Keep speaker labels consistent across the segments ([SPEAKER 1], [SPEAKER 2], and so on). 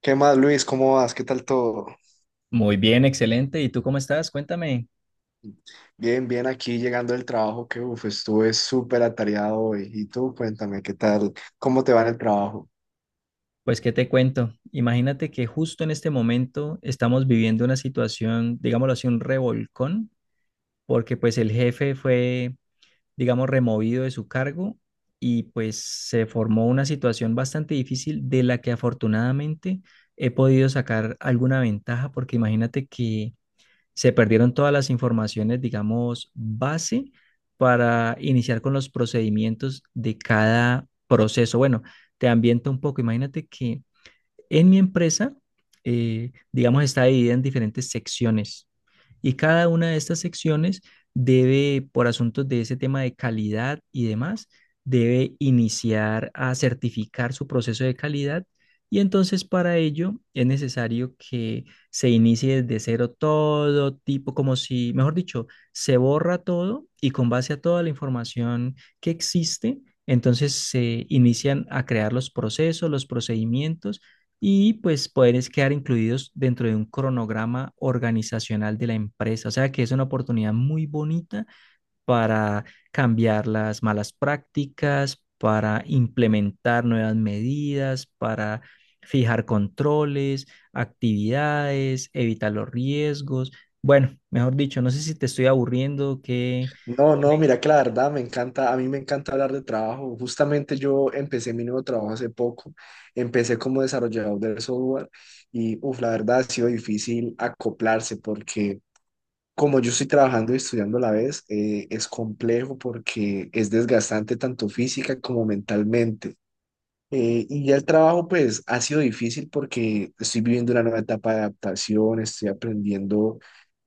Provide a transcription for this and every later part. [SPEAKER 1] ¿Qué más, Luis? ¿Cómo vas? ¿Qué tal todo?
[SPEAKER 2] Muy bien, excelente. ¿Y tú cómo estás? Cuéntame.
[SPEAKER 1] Bien, bien, aquí llegando del trabajo, que uf, estuve súper atareado hoy. Y tú, cuéntame, ¿qué tal? ¿Cómo te va en el trabajo?
[SPEAKER 2] Pues, ¿qué te cuento? Imagínate que justo en este momento estamos viviendo una situación, digámoslo así, un revolcón, porque pues el jefe fue, digamos, removido de su cargo y pues se formó una situación bastante difícil de la que afortunadamente he podido sacar alguna ventaja, porque imagínate que se perdieron todas las informaciones, digamos, base para iniciar con los procedimientos de cada proceso. Bueno, te ambiento un poco. Imagínate que en mi empresa, digamos, está dividida en diferentes secciones. Y cada una de estas secciones debe, por asuntos de ese tema de calidad y demás, debe iniciar a certificar su proceso de calidad. Y entonces para ello es necesario que se inicie desde cero todo tipo, como si, mejor dicho, se borra todo y con base a toda la información que existe, entonces se inician a crear los procesos, los procedimientos y pues poderes quedar incluidos dentro de un cronograma organizacional de la empresa. O sea que es una oportunidad muy bonita para cambiar las malas prácticas, para implementar nuevas medidas, para fijar controles, actividades, evitar los riesgos. Bueno, mejor dicho, no sé si te estoy aburriendo,
[SPEAKER 1] No, no,
[SPEAKER 2] me-
[SPEAKER 1] mira que la verdad me encanta, a mí me encanta hablar de trabajo. Justamente yo empecé mi nuevo trabajo hace poco, empecé como desarrollador de software y uf, la verdad ha sido difícil acoplarse porque como yo estoy trabajando y estudiando a la vez, es complejo porque es desgastante tanto física como mentalmente. Y ya el trabajo, pues, ha sido difícil porque estoy viviendo una nueva etapa de adaptación, estoy aprendiendo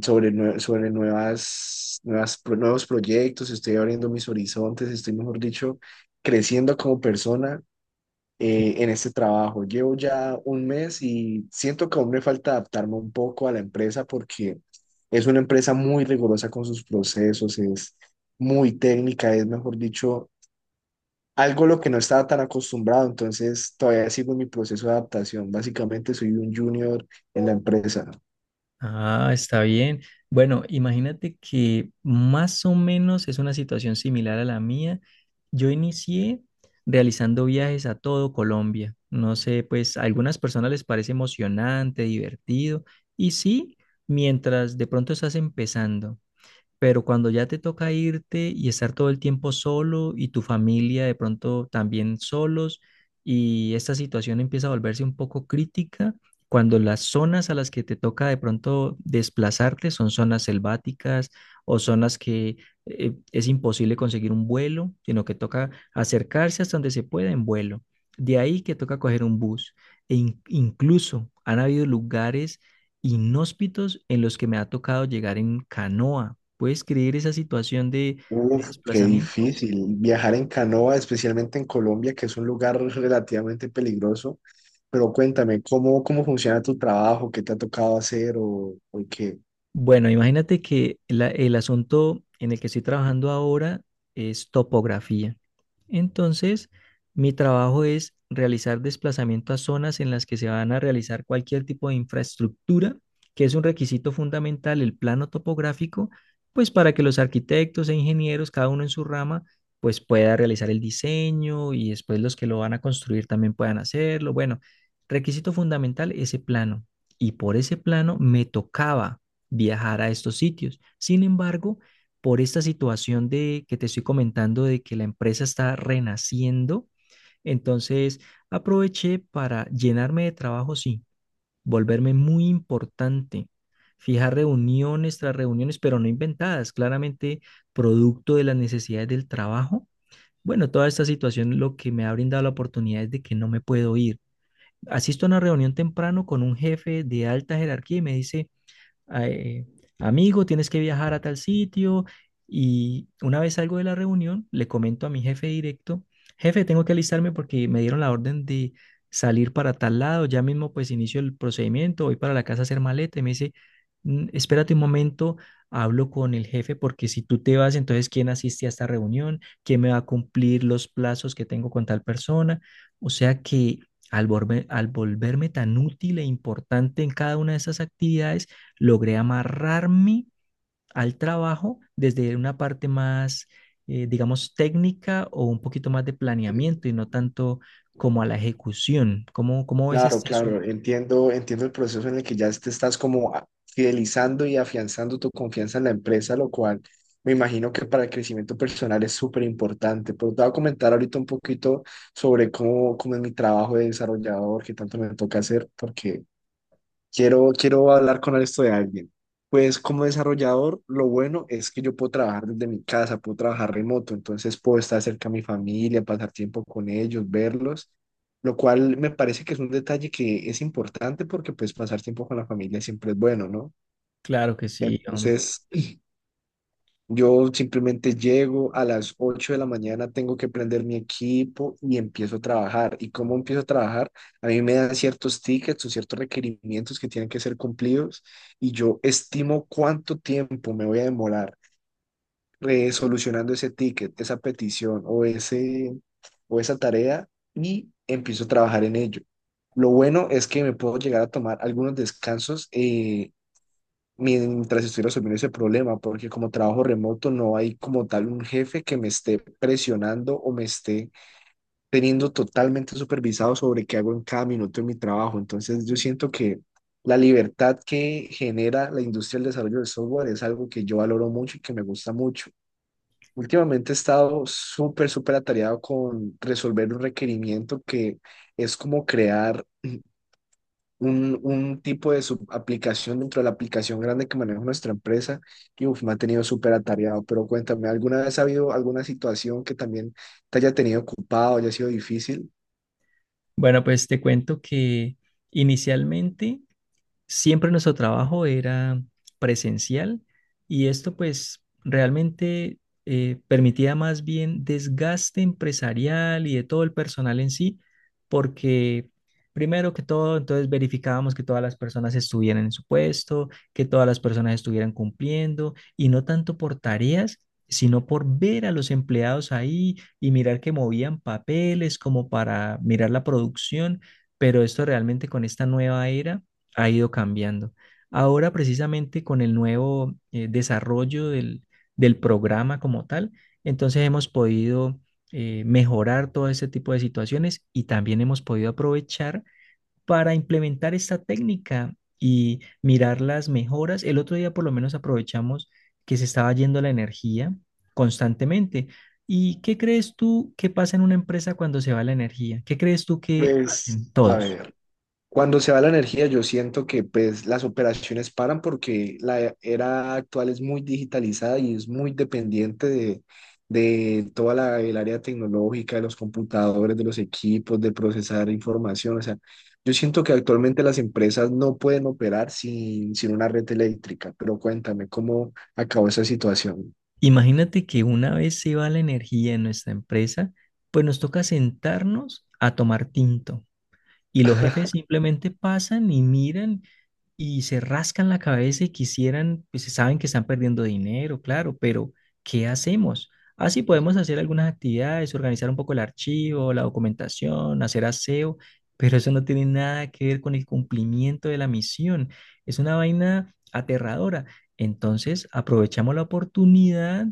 [SPEAKER 1] sobre nuevas, nuevos proyectos, estoy abriendo mis horizontes, estoy, mejor dicho, creciendo como persona
[SPEAKER 2] que...
[SPEAKER 1] en este trabajo. Llevo ya un mes y siento que aún me falta adaptarme un poco a la empresa porque es una empresa muy rigurosa con sus procesos, es muy técnica, es, mejor dicho, algo a lo que no estaba tan acostumbrado, entonces todavía sigo en mi proceso de adaptación. Básicamente soy un junior en la empresa.
[SPEAKER 2] Ah, está bien. Bueno, imagínate que más o menos es una situación similar a la mía. Yo inicié realizando viajes a todo Colombia. No sé, pues a algunas personas les parece emocionante, divertido, y sí, mientras de pronto estás empezando. Pero cuando ya te toca irte y estar todo el tiempo solo y tu familia de pronto también solos y esta situación empieza a volverse un poco crítica, cuando las zonas a las que te toca de pronto desplazarte son zonas selváticas o zonas que es imposible conseguir un vuelo, sino que toca acercarse hasta donde se pueda en vuelo. De ahí que toca coger un bus. Incluso han habido lugares inhóspitos en los que me ha tocado llegar en canoa. ¿Puedes creer esa situación de
[SPEAKER 1] Uf, qué
[SPEAKER 2] desplazamiento?
[SPEAKER 1] difícil. Viajar en canoa, especialmente en Colombia, que es un lugar relativamente peligroso. Pero cuéntame, ¿cómo funciona tu trabajo? ¿Qué te ha tocado hacer o qué?
[SPEAKER 2] Bueno, imagínate que el asunto en el que estoy trabajando ahora es topografía. Entonces, mi trabajo es realizar desplazamiento a zonas en las que se van a realizar cualquier tipo de infraestructura, que es un requisito fundamental, el plano topográfico, pues para que los arquitectos e ingenieros, cada uno en su rama, pues pueda realizar el diseño y después los que lo van a construir también puedan hacerlo. Bueno, requisito fundamental, ese plano. Y por ese plano me tocaba viajar a estos sitios. Sin embargo, por esta situación de que te estoy comentando de que la empresa está renaciendo, entonces aproveché para llenarme de trabajo, sí, volverme muy importante, fijar reuniones tras reuniones, pero no inventadas, claramente producto de las necesidades del trabajo. Bueno, toda esta situación lo que me ha brindado la oportunidad es de que no me puedo ir. Asisto a una reunión temprano con un jefe de alta jerarquía y me dice, eh, amigo, tienes que viajar a tal sitio. Y una vez salgo de la reunión, le comento a mi jefe directo, jefe, tengo que alistarme porque me dieron la orden de salir para tal lado, ya mismo pues inicio el procedimiento, voy para la casa a hacer maleta y me dice, "Mm, espérate un momento, hablo con el jefe porque si tú te vas, entonces ¿quién asiste a esta reunión? ¿Quién me va a cumplir los plazos que tengo con tal persona? O sea que al volverme tan útil e importante en cada una de esas actividades, logré amarrarme al trabajo desde una parte más, digamos, técnica o un poquito más de planeamiento y no tanto como a la ejecución. ¿Cómo, cómo ves
[SPEAKER 1] Claro,
[SPEAKER 2] este
[SPEAKER 1] claro,
[SPEAKER 2] asunto?
[SPEAKER 1] entiendo, entiendo el proceso en el que ya te estás como fidelizando y afianzando tu confianza en la empresa, lo cual me imagino que para el crecimiento personal es súper importante. Pero te voy a comentar ahorita un poquito sobre cómo es mi trabajo de desarrollador, que tanto me toca hacer, porque quiero, quiero hablar con esto de alguien. Pues como desarrollador, lo bueno es que yo puedo trabajar desde mi casa, puedo trabajar remoto, entonces puedo estar cerca a mi familia, pasar tiempo con ellos, verlos, lo cual me parece que es un detalle que es importante porque pues pasar tiempo con la familia siempre es bueno, ¿no?
[SPEAKER 2] Claro que sí, hombre.
[SPEAKER 1] Entonces, yo simplemente llego a las 8:00 de la mañana, tengo que prender mi equipo y empiezo a trabajar. ¿Y cómo empiezo a trabajar? A mí me dan ciertos tickets o ciertos requerimientos que tienen que ser cumplidos y yo estimo cuánto tiempo me voy a demorar solucionando ese ticket, esa petición o esa tarea, y empiezo a trabajar en ello. Lo bueno es que me puedo llegar a tomar algunos descansos mientras estoy resolviendo ese problema, porque como trabajo remoto no hay como tal un jefe que me esté presionando o me esté teniendo totalmente supervisado sobre qué hago en cada minuto de mi trabajo. Entonces yo siento que la libertad que genera la industria del desarrollo de software es algo que yo valoro mucho y que me gusta mucho. Últimamente he estado súper, súper atareado con resolver un requerimiento que es como crear un tipo de subaplicación dentro de la aplicación grande que maneja nuestra empresa y uf, me ha tenido súper atareado. Pero cuéntame, ¿alguna vez ha habido alguna situación que también te haya tenido ocupado, haya sido difícil?
[SPEAKER 2] Bueno, pues te cuento que inicialmente siempre nuestro trabajo era presencial y esto pues realmente permitía más bien desgaste empresarial y de todo el personal en sí, porque primero que todo, entonces verificábamos que todas las personas estuvieran en su puesto, que todas las personas estuvieran cumpliendo y no tanto por tareas, sino por ver a los empleados ahí y mirar que movían papeles como para mirar la producción, pero esto realmente con esta nueva era ha ido cambiando. Ahora, precisamente con el nuevo desarrollo del programa como tal, entonces hemos podido mejorar todo ese tipo de situaciones y también hemos podido aprovechar para implementar esta técnica y mirar las mejoras. El otro día por lo menos aprovechamos que se estaba yendo la energía constantemente. ¿Y qué crees tú que pasa en una empresa cuando se va la energía? ¿Qué crees tú que
[SPEAKER 1] Pues,
[SPEAKER 2] hacen
[SPEAKER 1] a
[SPEAKER 2] todos?
[SPEAKER 1] ver. Cuando se va la energía, yo siento que pues las operaciones paran porque la era actual es muy digitalizada y es muy dependiente de toda la, el área tecnológica, de los computadores, de los equipos, de procesar información. O sea, yo siento que actualmente las empresas no pueden operar sin una red eléctrica, pero cuéntame cómo acabó esa situación.
[SPEAKER 2] Imagínate que una vez se va la energía en nuestra empresa, pues nos toca sentarnos a tomar tinto y los jefes simplemente pasan y miran y se rascan la cabeza y quisieran, pues saben que están perdiendo dinero, claro, pero ¿qué hacemos? Así podemos hacer algunas actividades, organizar un poco el archivo, la documentación, hacer aseo, pero eso no tiene nada que ver con el cumplimiento de la misión. Es una vaina aterradora. Entonces, aprovechamos la oportunidad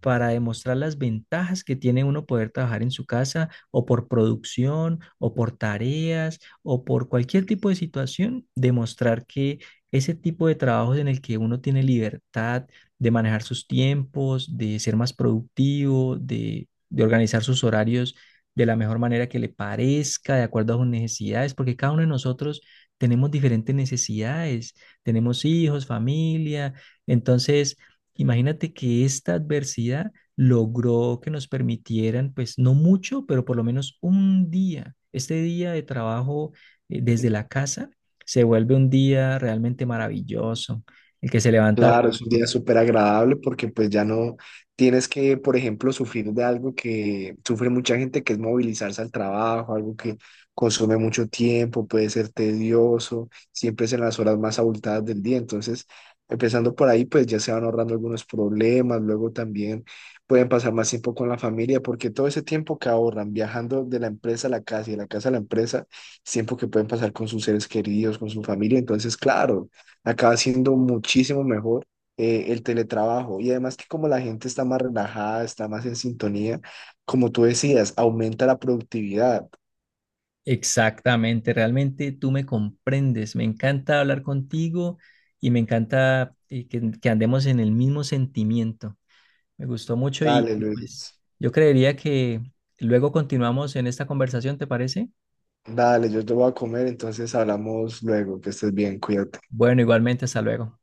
[SPEAKER 2] para demostrar las ventajas que tiene uno poder trabajar en su casa o por producción o por tareas o por cualquier tipo de situación, demostrar que ese tipo de trabajos en el que uno tiene libertad de manejar sus tiempos, de ser más productivo, de organizar sus horarios de la mejor manera que le parezca, de acuerdo a sus necesidades, porque cada uno de nosotros tenemos diferentes necesidades, tenemos hijos, familia, entonces imagínate que esta adversidad logró que nos permitieran, pues no mucho, pero por lo menos un día, este día de trabajo desde la casa, se vuelve un día realmente maravilloso. El que se levanta
[SPEAKER 1] Claro, es un día súper agradable porque pues ya no tienes que, por ejemplo, sufrir de algo que sufre mucha gente, que es movilizarse al trabajo, algo que consume mucho tiempo, puede ser tedioso, siempre es en las horas más abultadas del día. Entonces, empezando por ahí, pues ya se van ahorrando algunos problemas, luego también pueden pasar más tiempo con la familia, porque todo ese tiempo que ahorran viajando de la empresa a la casa y de la casa a la empresa, es tiempo que pueden pasar con sus seres queridos, con su familia. Entonces, claro, acaba siendo muchísimo mejor el teletrabajo. Y además que como la gente está más relajada, está más en sintonía, como tú decías, aumenta la productividad.
[SPEAKER 2] exactamente, realmente tú me comprendes. Me encanta hablar contigo y me encanta que andemos en el mismo sentimiento. Me gustó mucho y
[SPEAKER 1] Dale,
[SPEAKER 2] y, pues
[SPEAKER 1] Luis.
[SPEAKER 2] yo creería que luego continuamos en esta conversación, ¿te parece?
[SPEAKER 1] Dale, yo te voy a comer, entonces hablamos luego, que estés bien, cuídate.
[SPEAKER 2] Bueno, igualmente, hasta luego.